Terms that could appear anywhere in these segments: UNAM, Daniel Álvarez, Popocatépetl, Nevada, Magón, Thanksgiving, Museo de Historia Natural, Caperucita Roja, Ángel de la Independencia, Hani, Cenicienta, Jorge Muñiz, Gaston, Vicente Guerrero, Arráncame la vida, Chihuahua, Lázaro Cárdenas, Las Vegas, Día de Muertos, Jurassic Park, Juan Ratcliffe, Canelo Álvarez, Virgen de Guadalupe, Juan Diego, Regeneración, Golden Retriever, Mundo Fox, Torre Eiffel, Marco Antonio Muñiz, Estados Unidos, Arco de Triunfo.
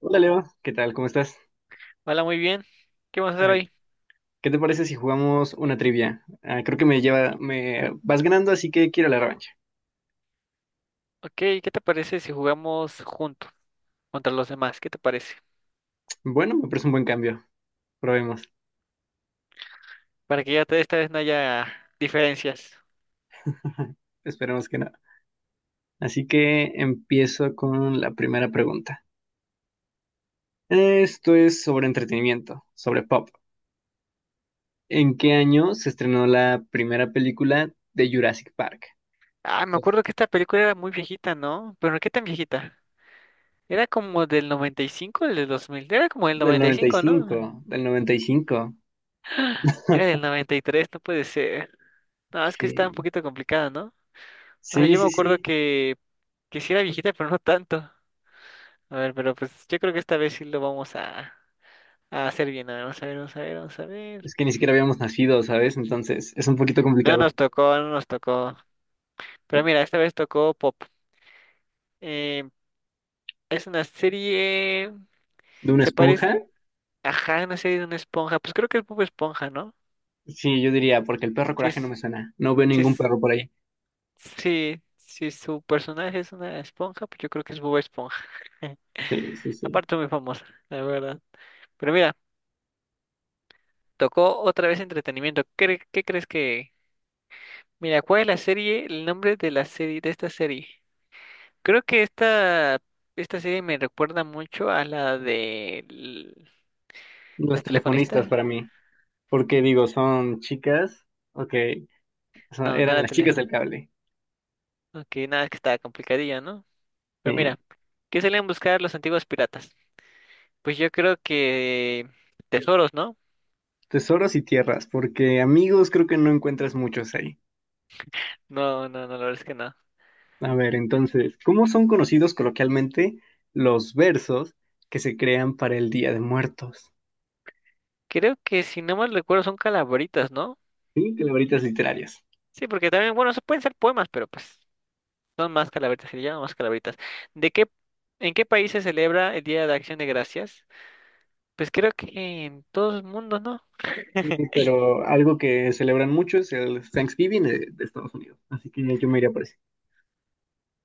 Hola Leo, ¿qué tal? ¿Cómo estás? Hola, muy bien. ¿Qué vamos a hacer Ah, hoy? ¿Qué te parece si jugamos una trivia? Creo que me vas ganando, así que quiero la revancha. Ok, ¿qué te parece si jugamos juntos contra los demás? ¿Qué te parece? Bueno, me parece un buen cambio. Probemos. Para que ya esta vez no haya diferencias. Esperemos que no. Así que empiezo con la primera pregunta. Esto es sobre entretenimiento, sobre pop. ¿En qué año se estrenó la primera película de Jurassic Park? Ah, me Pues, acuerdo que esta película era muy viejita, ¿no? Pero ¿qué tan viejita? Era como del 95 del dos mil. Era como del del noventa y cinco, ¿no? 95, del 95. Era del noventa y tres, no puede ser. No, es que está un Sí, poquito complicada, ¿no? O sea, sí, yo me sí, acuerdo sí. Que sí era viejita, pero no tanto. A ver, pero pues yo creo que esta vez sí lo vamos a hacer bien. A ver, vamos a ver, vamos a ver, vamos a ver. Es que ni siquiera habíamos nacido, ¿sabes? Entonces es un poquito No complicado. nos tocó, no nos tocó. Pero mira, esta vez tocó Pop. Eh, es una serie. ¿De una Se parece. esponja? Ajá, una serie de una esponja. Pues creo que es Pop Esponja, ¿no? Sí, yo diría, porque el perro Si coraje no es, me suena. No veo si ningún es- perro por ahí. si su personaje es una esponja, pues yo creo que es Bob Esponja. Sí, sí, sí. Aparte, muy famosa, la verdad. Pero mira, tocó otra vez entretenimiento. ¿Qué crees que? Mira, ¿cuál es la serie? El nombre de la serie, de esta serie. Creo que esta. Esta serie me recuerda mucho a la de. Los ¿Las telefonistas? telefonistas para mí. Porque digo, son chicas. Ok, No, no eran era las chicas teléfono. del cable. Ok, nada, que estaba complicadilla, ¿no? Pero Sí. mira, ¿qué salían a buscar los antiguos piratas? Pues yo creo que tesoros, ¿no? Tesoros y tierras, porque amigos creo que no encuentras muchos ahí. No, no, no, la verdad es que no. A ver, entonces, ¿cómo son conocidos coloquialmente los versos que se crean para el Día de Muertos? Creo que, si no mal recuerdo, son calaveritas, ¿no? Sí, calabritas literarias. Sí, porque también, bueno, eso pueden ser poemas, pero pues son más calaveritas, se le llaman más calaveritas. ¿De qué, en qué país se celebra el Día de Acción de Gracias? Pues creo que en todo el mundo, ¿no? Sí, pero algo que celebran mucho es el Thanksgiving de Estados Unidos. Así que yo me iría por ese.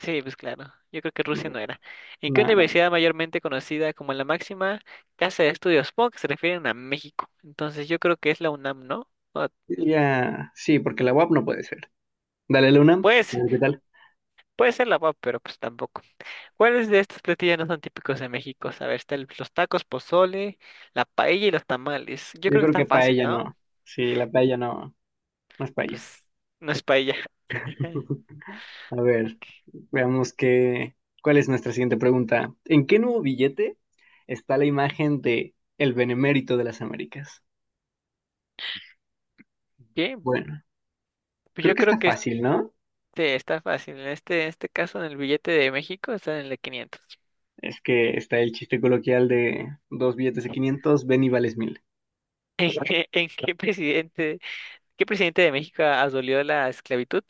Sí, pues claro. Yo creo que A Rusia no ver, era. ¿En no, qué no. universidad mayormente conocida como la máxima casa de estudios? Supongo que se refieren a México. Entonces yo creo que es la UNAM, ¿no? Ya, sí, porque la UAP no puede ser. Dale, Luna. A Pues, ver, ¿qué tal? puede ser la UAP, pero pues tampoco. ¿Cuáles de estos platillos no son típicos de México? A ver, están los tacos, pozole, la paella y los tamales. Yo Yo creo que creo está que fácil, paella ¿no? no. Sí, la paella no, no es paella. Pues no es paella. A ver, veamos qué, ¿cuál es nuestra siguiente pregunta? ¿En qué nuevo billete está la imagen de el benemérito de las Américas? ¿Qué? Bueno, Pues creo yo que creo está que este fácil, ¿no? está fácil. En este caso, en el billete de México, está en el de 500. Es que está el chiste coloquial de dos billetes de 500 ven y vales mil. ¿En qué presidente? ¿Qué presidente de México abolió la esclavitud?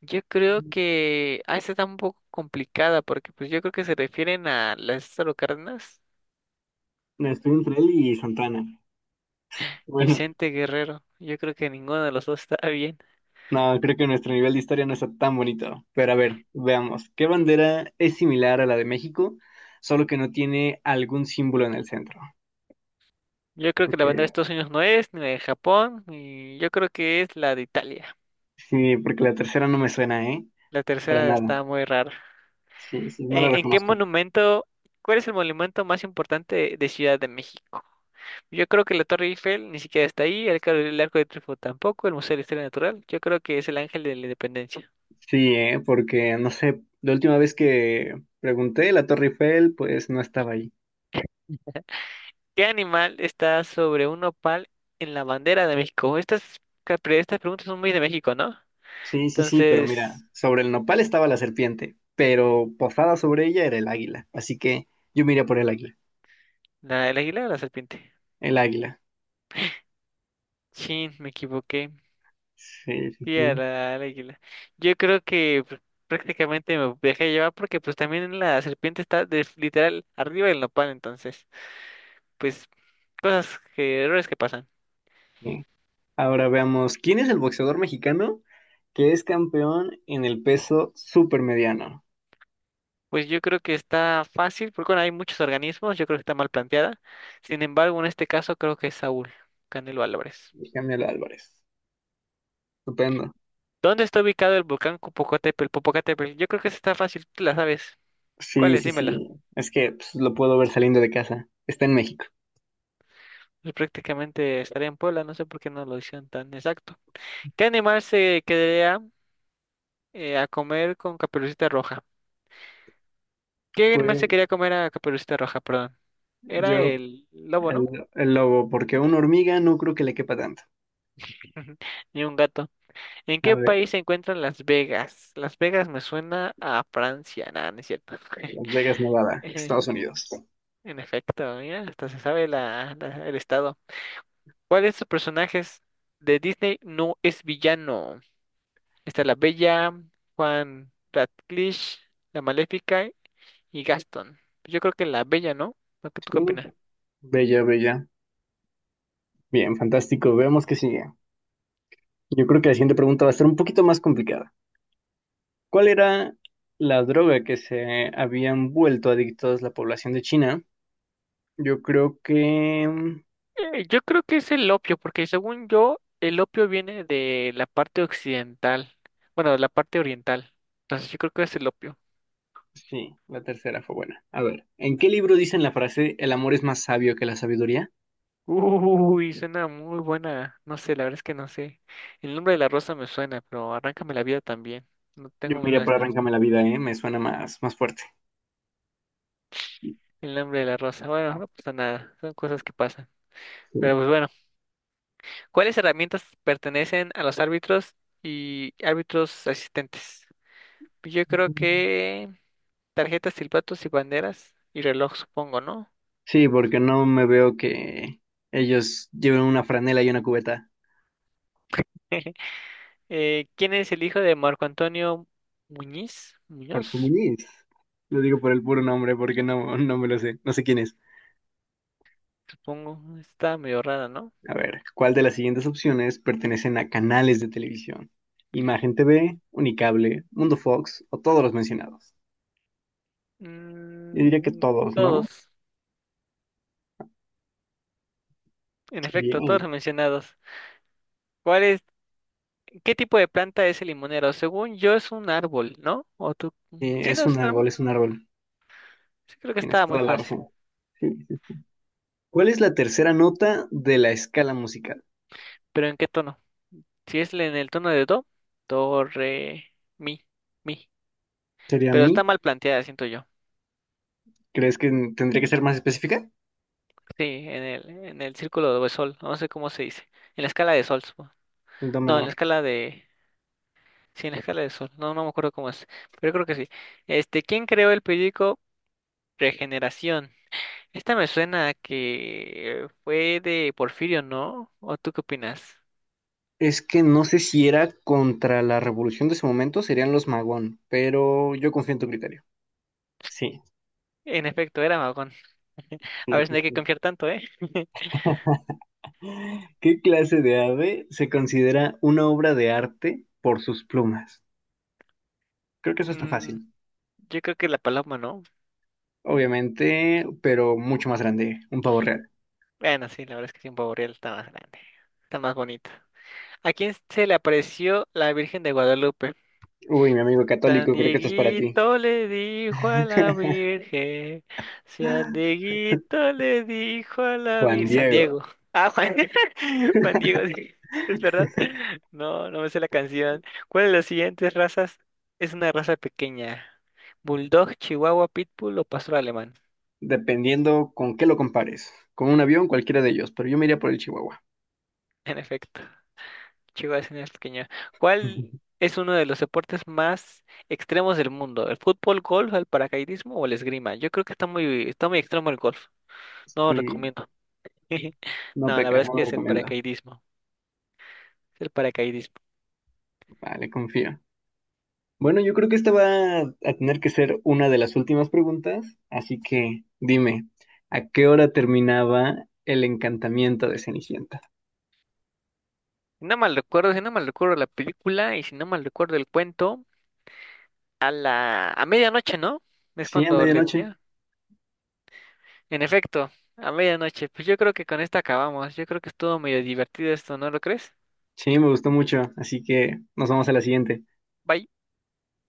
Yo creo que... Ah, esta está un poco complicada porque pues yo creo que se refieren a Lázaro Cárdenas, Estoy entre él y Santana. Bueno, Vicente Guerrero. Yo creo que ninguno de los dos está bien. no, creo que nuestro nivel de historia no está tan bonito. Pero a ver, veamos. ¿Qué bandera es similar a la de México, solo que no tiene algún símbolo en el centro? Yo creo que la bandera de Porque- Estados Unidos no es, ni la de Japón, y yo creo que es la de Italia. sí, porque la tercera no me suena, ¿eh? La Para tercera nada. está muy rara. Sí, sí, no la ¿En qué reconozco. monumento, ¿cuál es el monumento más importante de Ciudad de México? Yo creo que la Torre Eiffel ni siquiera está ahí, el Arco de Triunfo tampoco, el Museo de Historia Natural. Yo creo que es el Ángel de la Independencia. Sí, ¿eh? Porque, no sé, la última vez que pregunté, la Torre Eiffel, pues no estaba ahí. ¿Qué animal está sobre un nopal en la bandera de México? Estas preguntas son muy de México, ¿no? Sí, sí, sí, pero mira, Entonces, sobre el nopal estaba la serpiente, pero posada sobre ella era el águila. Así que yo me iría por el águila. ¿el águila o la serpiente? El águila. Chin, me equivoqué. Sí, sí, Sí, sí. al águila. Yo creo que prácticamente me dejé llevar porque pues también la serpiente está literal arriba del nopal, entonces, pues cosas que, errores que pasan. Bien. Ahora veamos, ¿quién es el boxeador mexicano que es campeón en el peso supermediano? Pues yo creo que está fácil, porque bueno, hay muchos organismos, yo creo que está mal planteada. Sin embargo, en este caso creo que es Saúl, Canelo Álvarez. Daniel Álvarez. Estupendo. ¿Dónde está ubicado el volcán Popocatépetl? Popocatépetl. Yo creo que esa está fácil, tú la sabes. ¿Cuál Sí, es? sí, Dímela. sí. Es que pues, lo puedo ver saliendo de casa. Está en México. Pues prácticamente estaría en Puebla, no sé por qué no lo hicieron tan exacto. ¿Qué animal se quedaría, a comer con Caperucita Roja? ¿Qué animal se Pues quería comer a Caperucita Roja? Perdón. Era yo, el lobo, ¿no? el, el lobo, porque una hormiga no creo que le quepa tanto. Ni un gato. ¿En A qué ver, país se encuentran Las Vegas? Las Vegas me suena a Francia. Nada, no es cierto. Las Vegas, Nevada, Eh, Estados Unidos. En efecto, mira, hasta se sabe el estado. ¿Cuál de estos personajes de Disney no es villano? Está la Bella, Juan Ratcliffe, la Maléfica y Gaston. Yo creo que la Bella, ¿no? ¿No? ¿Tú Sí, qué opinas? Bella, bella. Bien, fantástico. Veamos qué sigue. Yo creo que la siguiente pregunta va a estar un poquito más complicada. ¿Cuál era la droga que se habían vuelto adictos la población de China? Yo creo que... Yo creo que es el opio, porque según yo, el opio viene de la parte occidental, bueno, de la parte oriental. Entonces yo creo que es el opio. sí, la tercera fue buena. A ver, ¿en qué libro dicen la frase el amor es más sabio que la sabiduría? Uy, suena muy buena. No sé, la verdad es que no sé. El nombre de la rosa me suena, pero Arráncame la vida también. No Yo tengo mira nada por Arráncame la vida, ¿eh? Me suena más, más fuerte. el nombre de la rosa. Bueno, no pasa nada. Son cosas que pasan. Sí. Pero pues bueno, ¿cuáles herramientas pertenecen a los árbitros y árbitros asistentes? Yo creo que tarjetas, silbatos y banderas y reloj, supongo, ¿no? Sí, porque no me veo que ellos lleven una franela y una cubeta. ¿Quién es el hijo de Marco Antonio Muñiz? Jorge Muñoz, Muñiz. Lo digo por el puro nombre porque no, no me lo sé. No sé quién es. supongo. Está medio rara, ¿no? A ver, ¿cuál de las siguientes opciones pertenecen a canales de televisión? Imagen TV, Unicable, Mundo Fox o todos los mencionados. Yo diría que Mm, todos, ¿no? todos, en efecto, todos Bien. los mencionados. ¿Cuál es, qué tipo de planta es el limonero? Según yo es un árbol, ¿no? ¿O tú? Sí, no es un árbol. Es un árbol. Sí, creo que Tienes estaba muy toda la fácil. razón. Sí, sí, sí. ¿Cuál es la tercera nota de la escala musical? ¿Pero en qué tono? Si es en el tono de do, do, re, mi, mi. ¿Sería Pero está mi? mal planteada, siento yo. ¿Crees que tendría que ser más específica? Sí, en el círculo de sol, no sé cómo se dice, en la escala de sol, supongo. El do No, en la menor. escala de, sí, en la escala de sol, no, no me acuerdo cómo es, pero creo que sí. ¿Quién creó el periódico Regeneración? Esta me suena a que fue de Porfirio, ¿no? ¿O tú qué opinas? Es que no sé si era contra la revolución de ese momento, serían los Magón, pero yo confío en tu criterio. Sí, En efecto, era Magón. A sí, ver, sí, no hay que sí. confiar tanto, ¿eh? ¿Qué clase de ave se considera una obra de arte por sus plumas? Creo que eso está fácil, Mm, yo creo que la paloma, ¿no? obviamente, pero mucho más grande, un pavo real. Bueno, sí, la verdad es que sí, un pavo real está más grande, está más bonito. ¿A quién se le apareció la Virgen de Guadalupe? Uy, mi amigo San católico, creo que esto es para ti. Dieguito le dijo a la Virgen. San Dieguito le dijo a la Juan Virgen. San Diego, Diego. Ah, Juan, Juan Diego, sí. ¿Es verdad? No, no me sé la canción. ¿Cuál de las siguientes razas es una raza pequeña? ¿Bulldog, Chihuahua, Pitbull o Pastor Alemán? dependiendo con qué lo compares, con un avión, cualquiera de ellos, pero yo me iría por el Chihuahua. En efecto, Chihuahua es una raza pequeña. ¿Cuál es uno de los deportes más extremos del mundo? ¿El fútbol, golf, el paracaidismo o el esgrima? Yo creo que está muy extremo el golf. No Sí, recomiendo. no No, la pecas, verdad es no que lo es el recomiendo. paracaidismo. Es el paracaidismo. Vale, confío. Bueno, yo creo que esta va a tener que ser una de las últimas preguntas, así que dime, ¿a qué hora terminaba el encantamiento de Cenicienta? Si no mal recuerdo la película y si no mal recuerdo el cuento, a medianoche, ¿no? Es Sí, a cuando le medianoche. tía. En efecto, a medianoche. Pues yo creo que con esto acabamos. Yo creo que estuvo medio divertido esto, ¿no lo crees? Sí, me gustó mucho, así que nos vamos a la siguiente. Bye.